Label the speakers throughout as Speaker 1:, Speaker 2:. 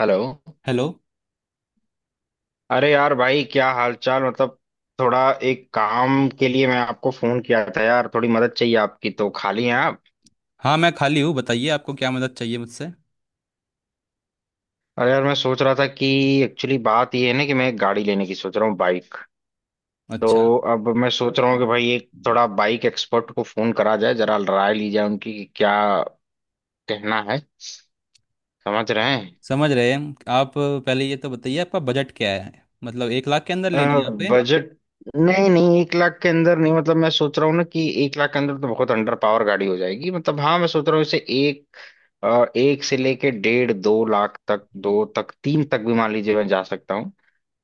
Speaker 1: Hello.
Speaker 2: Hello.
Speaker 1: अरे यार भाई, क्या हालचाल मतलब थोड़ा, एक काम के लिए मैं आपको फोन किया था यार, थोड़ी मदद चाहिए आपकी। तो खाली हैं आप?
Speaker 2: हाँ मैं खाली हूँ, बताइए आपको क्या मदद चाहिए मुझसे।
Speaker 1: अरे यार मैं सोच रहा था कि एक्चुअली बात ये है ना कि मैं एक गाड़ी लेने की सोच रहा हूँ, बाइक।
Speaker 2: अच्छा।
Speaker 1: तो अब मैं सोच रहा हूँ कि भाई एक थोड़ा बाइक एक्सपर्ट को फोन करा जाए, जरा राय ली जाए उनकी कि क्या कहना है। समझ रहे हैं?
Speaker 2: समझ रहे हैं आप, पहले ये तो बताइए आपका बजट क्या है, मतलब एक लाख के अंदर लेनी है यहाँ पे?
Speaker 1: बजट? नहीं नहीं, 1 लाख के अंदर नहीं। मतलब मैं सोच रहा हूँ ना कि 1 लाख के अंदर तो बहुत अंडर पावर गाड़ी हो जाएगी। मतलब हाँ, मैं सोच रहा हूँ इसे एक एक से लेके 1.5 से 2 लाख तक, दो तक, तीन तक भी मान लीजिए मैं जा सकता हूँ।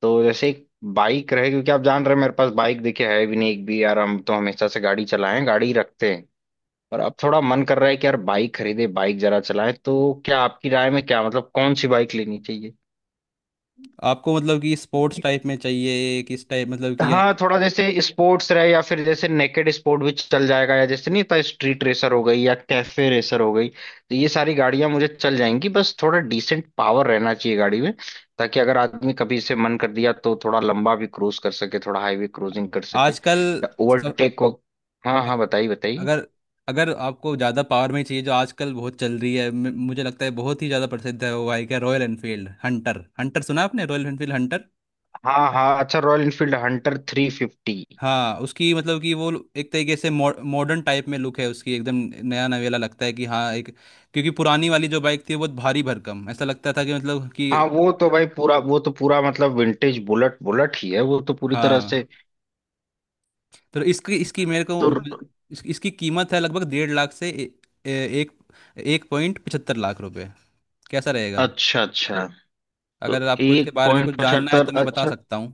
Speaker 1: तो जैसे एक बाइक रहे, क्योंकि आप जान रहे हैं मेरे पास बाइक देखिए है भी नहीं, एक भी यार। हम तो हमेशा से गाड़ी चलाएं, गाड़ी रखते हैं, और अब थोड़ा मन कर रहा है कि यार बाइक खरीदे, बाइक जरा चलाएं। तो क्या आपकी राय में, क्या मतलब कौन सी बाइक लेनी चाहिए?
Speaker 2: आपको मतलब कि स्पोर्ट्स टाइप में चाहिए किस टाइप, मतलब कि
Speaker 1: हाँ थोड़ा जैसे स्पोर्ट्स रहे, या फिर जैसे नेकेड स्पोर्ट भी चल जाएगा, या जैसे नहीं था स्ट्रीट रेसर हो गई या कैफे रेसर हो गई, तो ये सारी गाड़ियां मुझे चल जाएंगी। बस थोड़ा डिसेंट पावर रहना चाहिए गाड़ी में, ताकि अगर आदमी कभी से मन कर दिया तो थोड़ा लंबा भी क्रूज कर सके, थोड़ा हाईवे क्रूजिंग कर सके
Speaker 2: आजकल
Speaker 1: या
Speaker 2: सब-
Speaker 1: ओवरटेक हो। हाँ हाँ, बताइए बताइए।
Speaker 2: अगर अगर आपको ज़्यादा पावर में चाहिए, जो आजकल बहुत चल रही है, मुझे लगता है बहुत ही ज़्यादा प्रसिद्ध है। वो बाइक है रॉयल एनफील्ड हंटर। हंटर सुना आपने, रॉयल एनफील्ड हंटर?
Speaker 1: हाँ हाँ, अच्छा, रॉयल इनफील्ड हंटर 350।
Speaker 2: हाँ उसकी मतलब कि वो एक तरीके से मॉडर्न टाइप में लुक है उसकी, एकदम नया नवेला लगता है कि हाँ एक। क्योंकि पुरानी वाली जो बाइक थी वो बहुत भारी भरकम ऐसा लगता था कि मतलब कि
Speaker 1: हाँ वो तो भाई पूरा, वो तो पूरा मतलब विंटेज बुलेट बुलेट ही है वो, तो पूरी तरह
Speaker 2: हाँ।
Speaker 1: से।
Speaker 2: तो इसकी इसकी मेरे को
Speaker 1: तो
Speaker 2: मतलब इसकी कीमत है लगभग डेढ़ लाख से ए, ए, एक एक पॉइंट पचहत्तर लाख रुपए। कैसा रहेगा?
Speaker 1: अच्छा अच्छा। तो
Speaker 2: अगर आपको इसके
Speaker 1: एक
Speaker 2: बारे में कुछ
Speaker 1: पॉइंट
Speaker 2: जानना है
Speaker 1: पचहत्तर
Speaker 2: तो मैं बता
Speaker 1: अच्छा।
Speaker 2: सकता हूँ।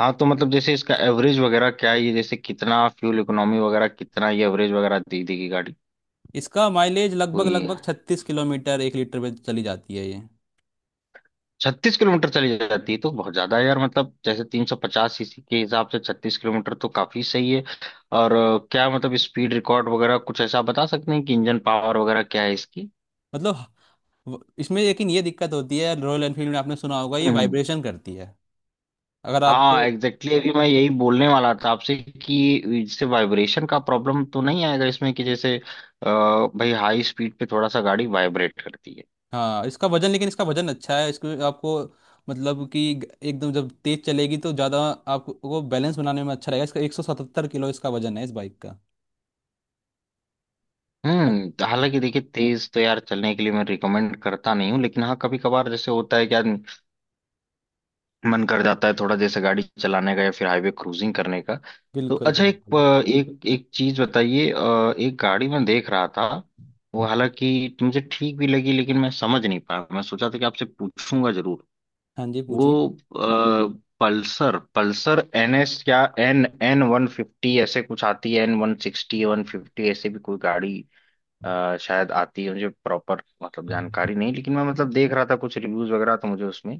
Speaker 1: हाँ तो मतलब जैसे इसका एवरेज वगैरह क्या है, ये जैसे कितना फ्यूल इकोनॉमी वगैरह कितना, ये एवरेज वगैरह दी थी की गाड़ी?
Speaker 2: इसका माइलेज लगभग
Speaker 1: कोई
Speaker 2: लगभग छत्तीस किलोमीटर एक लीटर में चली जाती है ये।
Speaker 1: 36 किलोमीटर चली जाती है तो बहुत ज्यादा है यार। मतलब जैसे 350 सीसी के हिसाब से 36 किलोमीटर तो काफी सही है। और क्या मतलब स्पीड रिकॉर्ड वगैरह कुछ ऐसा बता सकते हैं कि इंजन पावर वगैरह क्या है इसकी?
Speaker 2: मतलब इसमें लेकिन ये दिक्कत होती है, रॉयल एनफील्ड में आपने सुना होगा ये वाइब्रेशन करती है। अगर
Speaker 1: हाँ
Speaker 2: आपको
Speaker 1: एग्जैक्टली अभी मैं यही बोलने वाला था आपसे कि इससे वाइब्रेशन का प्रॉब्लम तो नहीं आएगा इसमें, कि जैसे भाई हाई स्पीड पे थोड़ा सा गाड़ी वाइब्रेट करती है।
Speaker 2: हाँ, इसका वजन लेकिन इसका वजन अच्छा है, इसको आपको मतलब कि एकदम जब तेज चलेगी तो ज़्यादा आपको बैलेंस बनाने में अच्छा रहेगा। इसका 177 किलो इसका वजन है इस बाइक का। अ-
Speaker 1: हम्म। तो हालांकि देखिए, तेज तो यार चलने के लिए मैं रिकमेंड करता नहीं हूँ, लेकिन हाँ कभी कभार जैसे होता है कि यार मन कर जाता है थोड़ा जैसे गाड़ी चलाने का या फिर हाईवे क्रूजिंग करने का। तो
Speaker 2: बिल्कुल
Speaker 1: अच्छा, एक
Speaker 2: बिल्कुल।
Speaker 1: एक एक चीज बताइए, एक गाड़ी मैं देख रहा था। वो हालांकि मुझे ठीक भी लगी, लेकिन मैं समझ नहीं पाया। मैं सोचा था कि आपसे पूछूंगा जरूर।
Speaker 2: हाँ जी
Speaker 1: वो
Speaker 2: पूछिए।
Speaker 1: पल्सर पल्सर NS या NN 150 ऐसे कुछ आती है, N 160 150 ऐसे भी कोई गाड़ी शायद आती है। मुझे प्रॉपर मतलब जानकारी नहीं, लेकिन मैं मतलब देख रहा था कुछ रिव्यूज वगैरह तो मुझे उसमें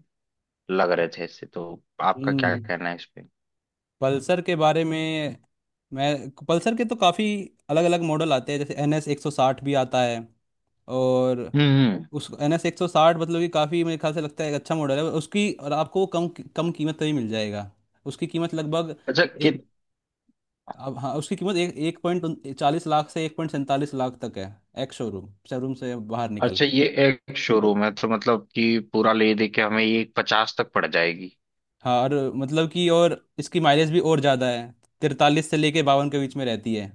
Speaker 1: लग रहे थे ऐसे, तो आपका क्या
Speaker 2: हम्म।
Speaker 1: कहना है इस पे?
Speaker 2: पल्सर के बारे में मैं पल्सर के तो काफ़ी अलग अलग मॉडल आते हैं, जैसे एन एस एक सौ साठ भी आता है। और
Speaker 1: हम्म हम्म।
Speaker 2: उस एन एस एक सौ साठ मतलब कि काफ़ी मेरे ख्याल से लगता है एक अच्छा मॉडल है उसकी, और आपको कम कम कीमत पे ही मिल जाएगा। उसकी कीमत लगभग
Speaker 1: अच्छा
Speaker 2: ए,
Speaker 1: कि
Speaker 2: अब हाँ, उसकी कीमत एक एक पॉइंट चालीस लाख से एक पॉइंट सैंतालीस लाख तक है, एक शोरूम। शोरूम से बाहर निकल
Speaker 1: अच्छा,
Speaker 2: कर।
Speaker 1: ये एक शोरूम है तो मतलब कि पूरा ले दे के हमें ये 50 तक पड़ जाएगी?
Speaker 2: हाँ और मतलब कि और इसकी माइलेज भी और ज़्यादा है, तिरतालीस से लेके बावन के बीच में रहती है।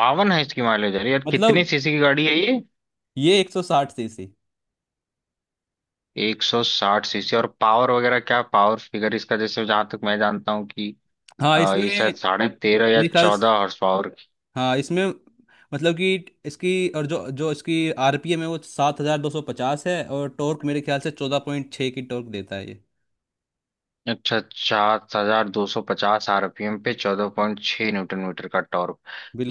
Speaker 1: 52 है इसकी माइलेज? अरे यार, कितने
Speaker 2: मतलब
Speaker 1: सीसी की गाड़ी है ये?
Speaker 2: ये एक सौ साठ सीसी।
Speaker 1: 160 सीसी। और पावर वगैरह क्या, पावर फिगर इसका जैसे, जहां तक मैं जानता हूँ कि
Speaker 2: हाँ
Speaker 1: ये
Speaker 2: इसमें
Speaker 1: शायद साढ़े तेरह या
Speaker 2: मेरे ख्याल,
Speaker 1: चौदह हॉर्स पावर की।
Speaker 2: हाँ इसमें मतलब कि इसकी, और जो जो इसकी आरपीएम है वो सात हजार दो सौ पचास है, और टॉर्क मेरे ख्याल से चौदह पॉइंट छः की टॉर्क देता है ये।
Speaker 1: अच्छा, 7,250 RPM पे 14.6 न्यूटन मीटर का टॉर्क।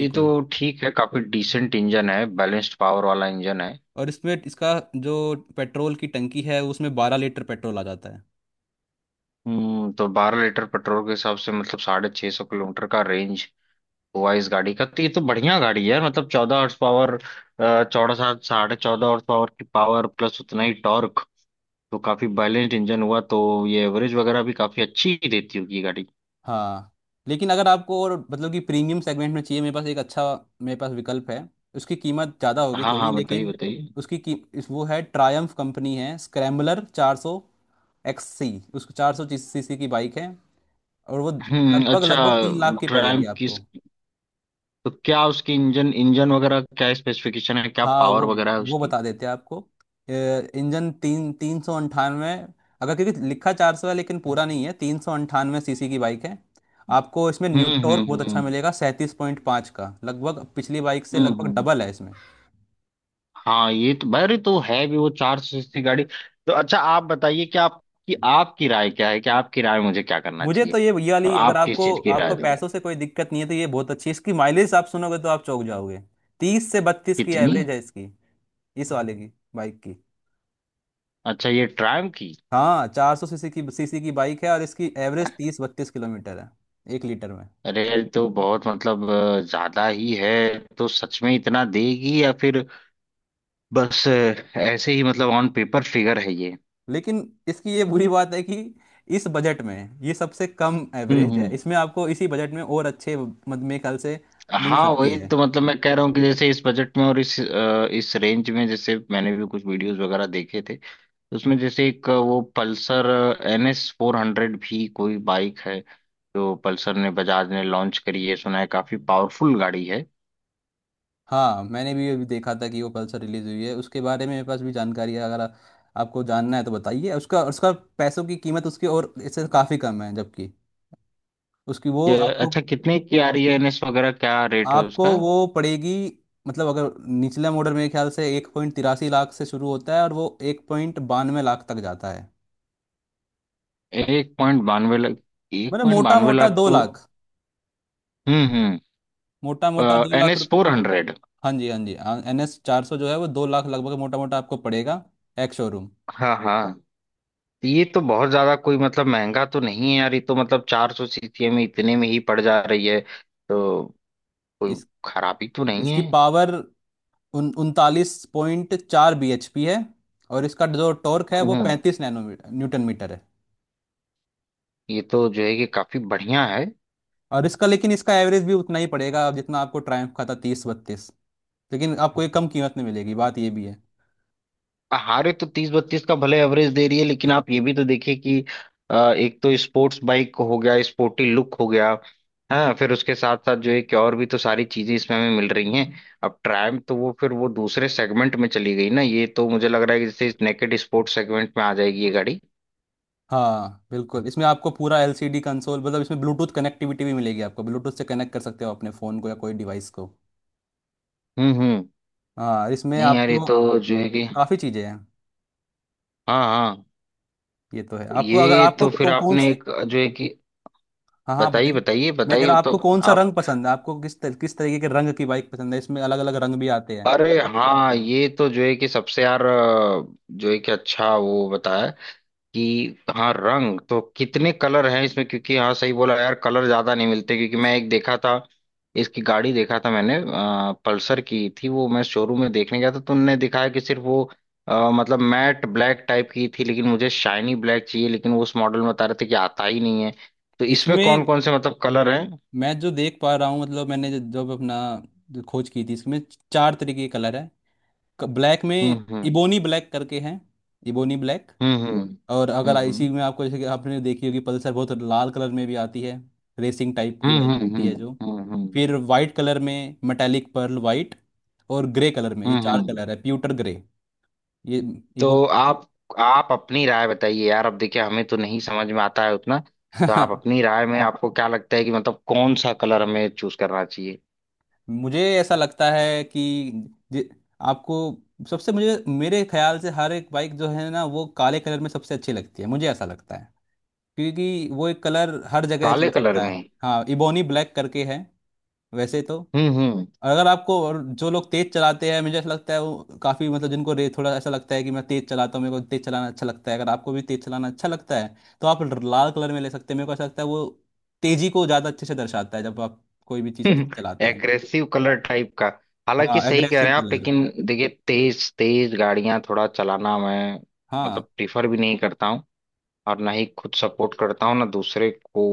Speaker 1: ये तो ठीक है, काफी डिसेंट इंजन है, बैलेंस्ड पावर वाला इंजन है।
Speaker 2: और इसमें इसका जो पेट्रोल की टंकी है, उसमें बारह लीटर पेट्रोल आ जाता है।
Speaker 1: हम्म। तो 12 लीटर पेट्रोल के हिसाब से मतलब 650 किलोमीटर का रेंज हुआ इस गाड़ी का। तो ये तो बढ़िया गाड़ी है। मतलब 14 हॉर्स पावर, चौदह, सात, 14.5 हॉर्स पावर की पावर प्लस उतना ही टॉर्क तो काफी बैलेंस्ड इंजन हुआ। तो ये एवरेज वगैरह भी काफी अच्छी ही देती होगी ये गाड़ी।
Speaker 2: हाँ लेकिन अगर आपको और मतलब कि प्रीमियम सेगमेंट में चाहिए, मेरे पास एक अच्छा, मेरे पास विकल्प है। उसकी कीमत ज़्यादा होगी
Speaker 1: हाँ
Speaker 2: थोड़ी,
Speaker 1: हाँ बताइए
Speaker 2: लेकिन
Speaker 1: बताइए।
Speaker 2: उसकी की इस वो है, ट्रायम्फ कंपनी है, स्क्रैम्बलर चार सौ एक्स सी। उसको चार सौ सी सी की बाइक है, और वो
Speaker 1: हम्म।
Speaker 2: लगभग
Speaker 1: अच्छा
Speaker 2: लगभग तीन लाख की पड़ेगी
Speaker 1: ट्रायम्फ किस?
Speaker 2: आपको।
Speaker 1: तो क्या उसकी, इंजन इंजन वगैरह क्या स्पेसिफिकेशन है, क्या
Speaker 2: हाँ
Speaker 1: पावर
Speaker 2: वो
Speaker 1: वगैरह है
Speaker 2: वो
Speaker 1: उसकी?
Speaker 2: बता देते हैं आपको। इंजन तीन तीन सौ अंठानवे, अगर क्योंकि लिखा चार सौ है लेकिन पूरा नहीं है, तीन सौ अंठानवे सीसी की बाइक है। आपको इसमें न्यू
Speaker 1: हम्म
Speaker 2: टॉर्क
Speaker 1: हम्म
Speaker 2: बहुत अच्छा
Speaker 1: हम्म
Speaker 2: मिलेगा, सैंतीस पॉइंट पाँच का, लगभग पिछली बाइक से
Speaker 1: हम्म।
Speaker 2: लगभग
Speaker 1: हम्म।
Speaker 2: डबल है इसमें।
Speaker 1: हाँ, ये तो भाई तो है भी वो 400 सीसी गाड़ी। तो अच्छा आप बताइए कि आपकी, आपकी राय क्या है कि आपकी राय मुझे क्या करना
Speaker 2: मुझे
Speaker 1: चाहिए,
Speaker 2: तो ये
Speaker 1: और
Speaker 2: वाली, अगर
Speaker 1: आप किस
Speaker 2: आपको,
Speaker 1: चीज की राय
Speaker 2: आपको
Speaker 1: देंगे?
Speaker 2: पैसों से कोई दिक्कत नहीं है तो ये बहुत अच्छी है। इसकी माइलेज आप सुनोगे तो आप चौंक जाओगे, तीस से बत्तीस की
Speaker 1: कितनी?
Speaker 2: एवरेज है इसकी, इस वाले की बाइक की।
Speaker 1: अच्छा, ये ट्रायम्फ की।
Speaker 2: हाँ, चार सौ सीसी की बाइक है, और इसकी एवरेज तीस बत्तीस किलोमीटर है एक लीटर में।
Speaker 1: अरे ये तो बहुत मतलब ज्यादा ही है। तो सच में इतना देगी या फिर बस ऐसे ही मतलब ऑन पेपर फिगर है ये?
Speaker 2: लेकिन इसकी ये बुरी बात है कि इस बजट में ये सबसे कम एवरेज है,
Speaker 1: हम्म।
Speaker 2: इसमें आपको इसी बजट में और अच्छे मेरे ख्याल से मिल
Speaker 1: हाँ
Speaker 2: सकती
Speaker 1: वही
Speaker 2: है।
Speaker 1: तो मतलब मैं कह रहा हूँ कि जैसे इस बजट में और इस इस रेंज में जैसे मैंने भी कुछ वीडियोस वगैरह देखे थे, तो उसमें जैसे एक वो पल्सर एन एस 400 भी कोई बाइक है जो पल्सर ने, बजाज ने लॉन्च करी है, सुना है काफी पावरफुल गाड़ी है।
Speaker 2: हाँ मैंने भी अभी देखा था कि वो पल्सर रिलीज हुई है, उसके बारे में मेरे पास भी जानकारी है। अगर आपको जानना है तो बताइए उसका, पैसों की कीमत उसकी और इससे काफ़ी कम है, जबकि उसकी वो आपको,
Speaker 1: अच्छा कितने की आ रही है एन एस वगैरह, क्या रेट है
Speaker 2: आपको
Speaker 1: उसका?
Speaker 2: वो पड़ेगी। मतलब अगर निचले मॉडल मेरे ख्याल से एक पॉइंट तिरासी लाख से शुरू होता है और वो एक पॉइंट बानवे लाख तक जाता है,
Speaker 1: 1.92 लाख? एक
Speaker 2: मतलब
Speaker 1: पॉइंट
Speaker 2: मोटा
Speaker 1: बानवे
Speaker 2: मोटा
Speaker 1: लाख
Speaker 2: दो
Speaker 1: तो।
Speaker 2: लाख।
Speaker 1: हम्म।
Speaker 2: मोटा मोटा दो
Speaker 1: एन
Speaker 2: लाख
Speaker 1: एस
Speaker 2: रुपये।
Speaker 1: Four hundred.
Speaker 2: हाँ जी, हाँ जी। एन एस चार सौ जो है वो दो लाख लगभग मोटा मोटा आपको पड़ेगा, एक्स शोरूम।
Speaker 1: हाँ हाँ। ये तो बहुत ज्यादा कोई मतलब महंगा तो नहीं है यार, ये तो मतलब 400 सीसी में इतने में ही पड़ जा रही है, तो
Speaker 2: इस
Speaker 1: खराबी तो नहीं
Speaker 2: इसकी
Speaker 1: है।
Speaker 2: पावर उन उनतालीस पॉइंट चार बी एच पी है। और इसका जो टॉर्क है
Speaker 1: हम्म
Speaker 2: वो
Speaker 1: हम्म,
Speaker 2: पैंतीस नैनोमीटर, न्यूटन मीटर है।
Speaker 1: ये तो जो है कि काफी बढ़िया है।
Speaker 2: और इसका, लेकिन इसका एवरेज भी उतना ही पड़ेगा जितना आपको ट्रायम्फ का था, तीस बत्तीस। लेकिन आपको ये कम कीमत में मिलेगी, बात ये भी है।
Speaker 1: हारे तो 30-32 का भले एवरेज दे रही है, लेकिन आप ये भी तो देखिए कि एक तो स्पोर्ट्स बाइक हो गया, स्पोर्टी लुक हो गया। हाँ, फिर उसके साथ साथ जो है कि और भी तो सारी चीजें इसमें हमें मिल रही हैं। अब ट्रायम्फ तो वो फिर वो दूसरे सेगमेंट में चली गई ना, ये तो मुझे लग रहा है कि जैसे नेकेड स्पोर्ट्स सेगमेंट में आ जाएगी ये गाड़ी।
Speaker 2: हाँ बिल्कुल। इसमें आपको पूरा एलसीडी कंसोल, मतलब इसमें ब्लूटूथ कनेक्टिविटी भी मिलेगी। आपको ब्लूटूथ से कनेक्ट कर सकते हो अपने फ़ोन को या कोई डिवाइस को।
Speaker 1: हम्म।
Speaker 2: हाँ इसमें
Speaker 1: नहीं यार, ये
Speaker 2: आपको
Speaker 1: तो जो है कि
Speaker 2: काफ़ी चीज़ें हैं।
Speaker 1: हाँ हाँ।
Speaker 2: ये तो है। आपको अगर
Speaker 1: ये
Speaker 2: आपको
Speaker 1: तो फिर
Speaker 2: कौन,
Speaker 1: आपने एक जो है कि
Speaker 2: हाँ हाँ आप
Speaker 1: बताइए
Speaker 2: बताइए।
Speaker 1: बताइए
Speaker 2: मैं कह
Speaker 1: बताइए।
Speaker 2: रहा हूँ,
Speaker 1: तो
Speaker 2: आपको कौन सा
Speaker 1: आप,
Speaker 2: रंग पसंद है, आपको किस तरीके के रंग की बाइक पसंद है? इसमें अलग अलग रंग भी आते हैं।
Speaker 1: अरे हाँ, ये तो जो है कि सबसे यार जो है कि अच्छा, वो बताया कि हाँ रंग तो, कितने कलर हैं इसमें? क्योंकि हाँ सही बोला यार, कलर ज्यादा नहीं मिलते। क्योंकि मैं एक देखा था, इसकी गाड़ी देखा था मैंने, पल्सर की थी वो। मैं शोरूम में देखने गया था तो उनने दिखाया कि सिर्फ वो मतलब मैट ब्लैक टाइप की थी, लेकिन मुझे शाइनी ब्लैक चाहिए। लेकिन वो उस मॉडल में बता रहे थे कि आता ही नहीं है। तो इसमें कौन
Speaker 2: इसमें
Speaker 1: कौन से मतलब कलर हैं?
Speaker 2: मैं जो देख पा रहा हूँ, मतलब मैंने जब अपना जो खोज की थी इसमें, चार तरीके के कलर है। ब्लैक में
Speaker 1: हम्म हम्म
Speaker 2: इबोनी ब्लैक करके हैं, इबोनी ब्लैक।
Speaker 1: हम्म।
Speaker 2: और अगर आईसी
Speaker 1: हम्म
Speaker 2: में आपको, जैसे कि आपने देखी होगी, पल्सर बहुत लाल कलर में भी आती है, रेसिंग टाइप की
Speaker 1: हम्म
Speaker 2: बाइक
Speaker 1: हम्म हम्म
Speaker 2: होती है जो।
Speaker 1: हम्म हम्म, हम्म।
Speaker 2: फिर वाइट कलर में मेटालिक पर्ल वाइट, और ग्रे कलर में। ये
Speaker 1: हम्म
Speaker 2: चार
Speaker 1: हम्म।
Speaker 2: कलर है, प्यूटर ग्रे। ये ये
Speaker 1: तो आप अपनी राय बताइए यार। अब देखिए हमें तो नहीं समझ में आता है उतना। तो आप
Speaker 2: बहुत,
Speaker 1: अपनी राय में आपको क्या लगता है कि मतलब कौन सा कलर हमें चूज करना चाहिए?
Speaker 2: मुझे ऐसा लगता है कि जे- आपको सबसे, मुझे मेरे ख्याल से हर एक बाइक जो है ना वो काले कलर में सबसे अच्छी लगती है, मुझे ऐसा लगता है। क्योंकि वो एक कलर हर जगह
Speaker 1: काले
Speaker 2: चल
Speaker 1: कलर
Speaker 2: सकता
Speaker 1: में?
Speaker 2: है, हाँ इबोनी ब्लैक करके है वैसे तो।
Speaker 1: हम्म।
Speaker 2: और अगर आपको, और जो लोग तेज चलाते हैं मुझे ऐसा लगता है वो काफ़ी, मतलब जिनको रे थोड़ा ऐसा लगता है कि मैं तेज चलाता हूँ, मेरे को तेज चलाना अच्छा लगता है, अगर आपको भी तेज चलाना अच्छा लगता है तो आप लाल कलर में ले सकते हैं। मेरे को ऐसा लगता है वो तेजी को ज़्यादा अच्छे से दर्शाता है, जब आप कोई भी चीज़ तेज चलाते हैं।
Speaker 1: एग्रेसिव कलर टाइप का। हालांकि
Speaker 2: हाँ
Speaker 1: सही कह रहे
Speaker 2: एग्रेसिव
Speaker 1: हैं आप,
Speaker 2: कलर।
Speaker 1: लेकिन देखिए तेज तेज गाड़ियां थोड़ा चलाना मैं
Speaker 2: हाँ
Speaker 1: मतलब प्रीफर भी नहीं करता हूँ, और ना ही खुद सपोर्ट करता हूँ ना दूसरे को।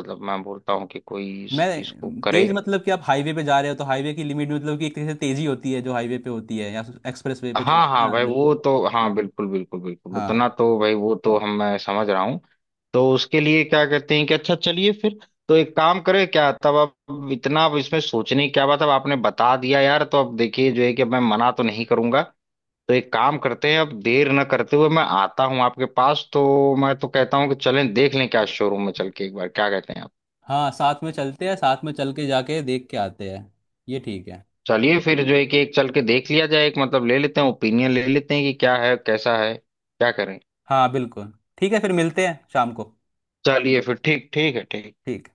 Speaker 1: मतलब मैं बोलता हूँ कि कोई
Speaker 2: मैं
Speaker 1: इस चीज को करे।
Speaker 2: तेज मतलब कि आप हाईवे पे जा रहे हो तो हाईवे की लिमिट, मतलब कि एक तरह से तेजी होती है जो हाईवे पे होती है, या एक्सप्रेस वे पे
Speaker 1: हाँ
Speaker 2: चला,
Speaker 1: हाँ
Speaker 2: हाँ।
Speaker 1: भाई, वो तो हाँ बिल्कुल बिल्कुल बिल्कुल
Speaker 2: हाँ
Speaker 1: उतना तो भाई, वो तो हम मैं समझ रहा हूँ। तो उसके लिए क्या कहते हैं कि अच्छा चलिए फिर। तो एक काम करें क्या तब? अब इतना, अब इसमें सोचने की क्या बात है, अब आपने बता दिया यार, तो अब देखिए जो है कि अब मैं मना तो नहीं करूंगा। तो एक काम करते हैं, अब देर न करते हुए मैं आता हूँ आपके पास। तो मैं तो कहता हूँ कि चलें देख लें क्या, शोरूम में चल के एक बार, क्या कहते हैं आप?
Speaker 2: हाँ, साथ में चलते हैं, साथ में चल के जाके देख के आते हैं। ये ठीक है।
Speaker 1: चलिए फिर जो है कि एक चल के देख लिया जाए, एक मतलब ले लेते हैं, ओपिनियन ले लेते हैं कि क्या है कैसा है क्या करें।
Speaker 2: हाँ बिल्कुल। ठीक है, फिर मिलते हैं शाम को।
Speaker 1: चलिए फिर ठीक, ठीक है, ठीक।
Speaker 2: ठीक।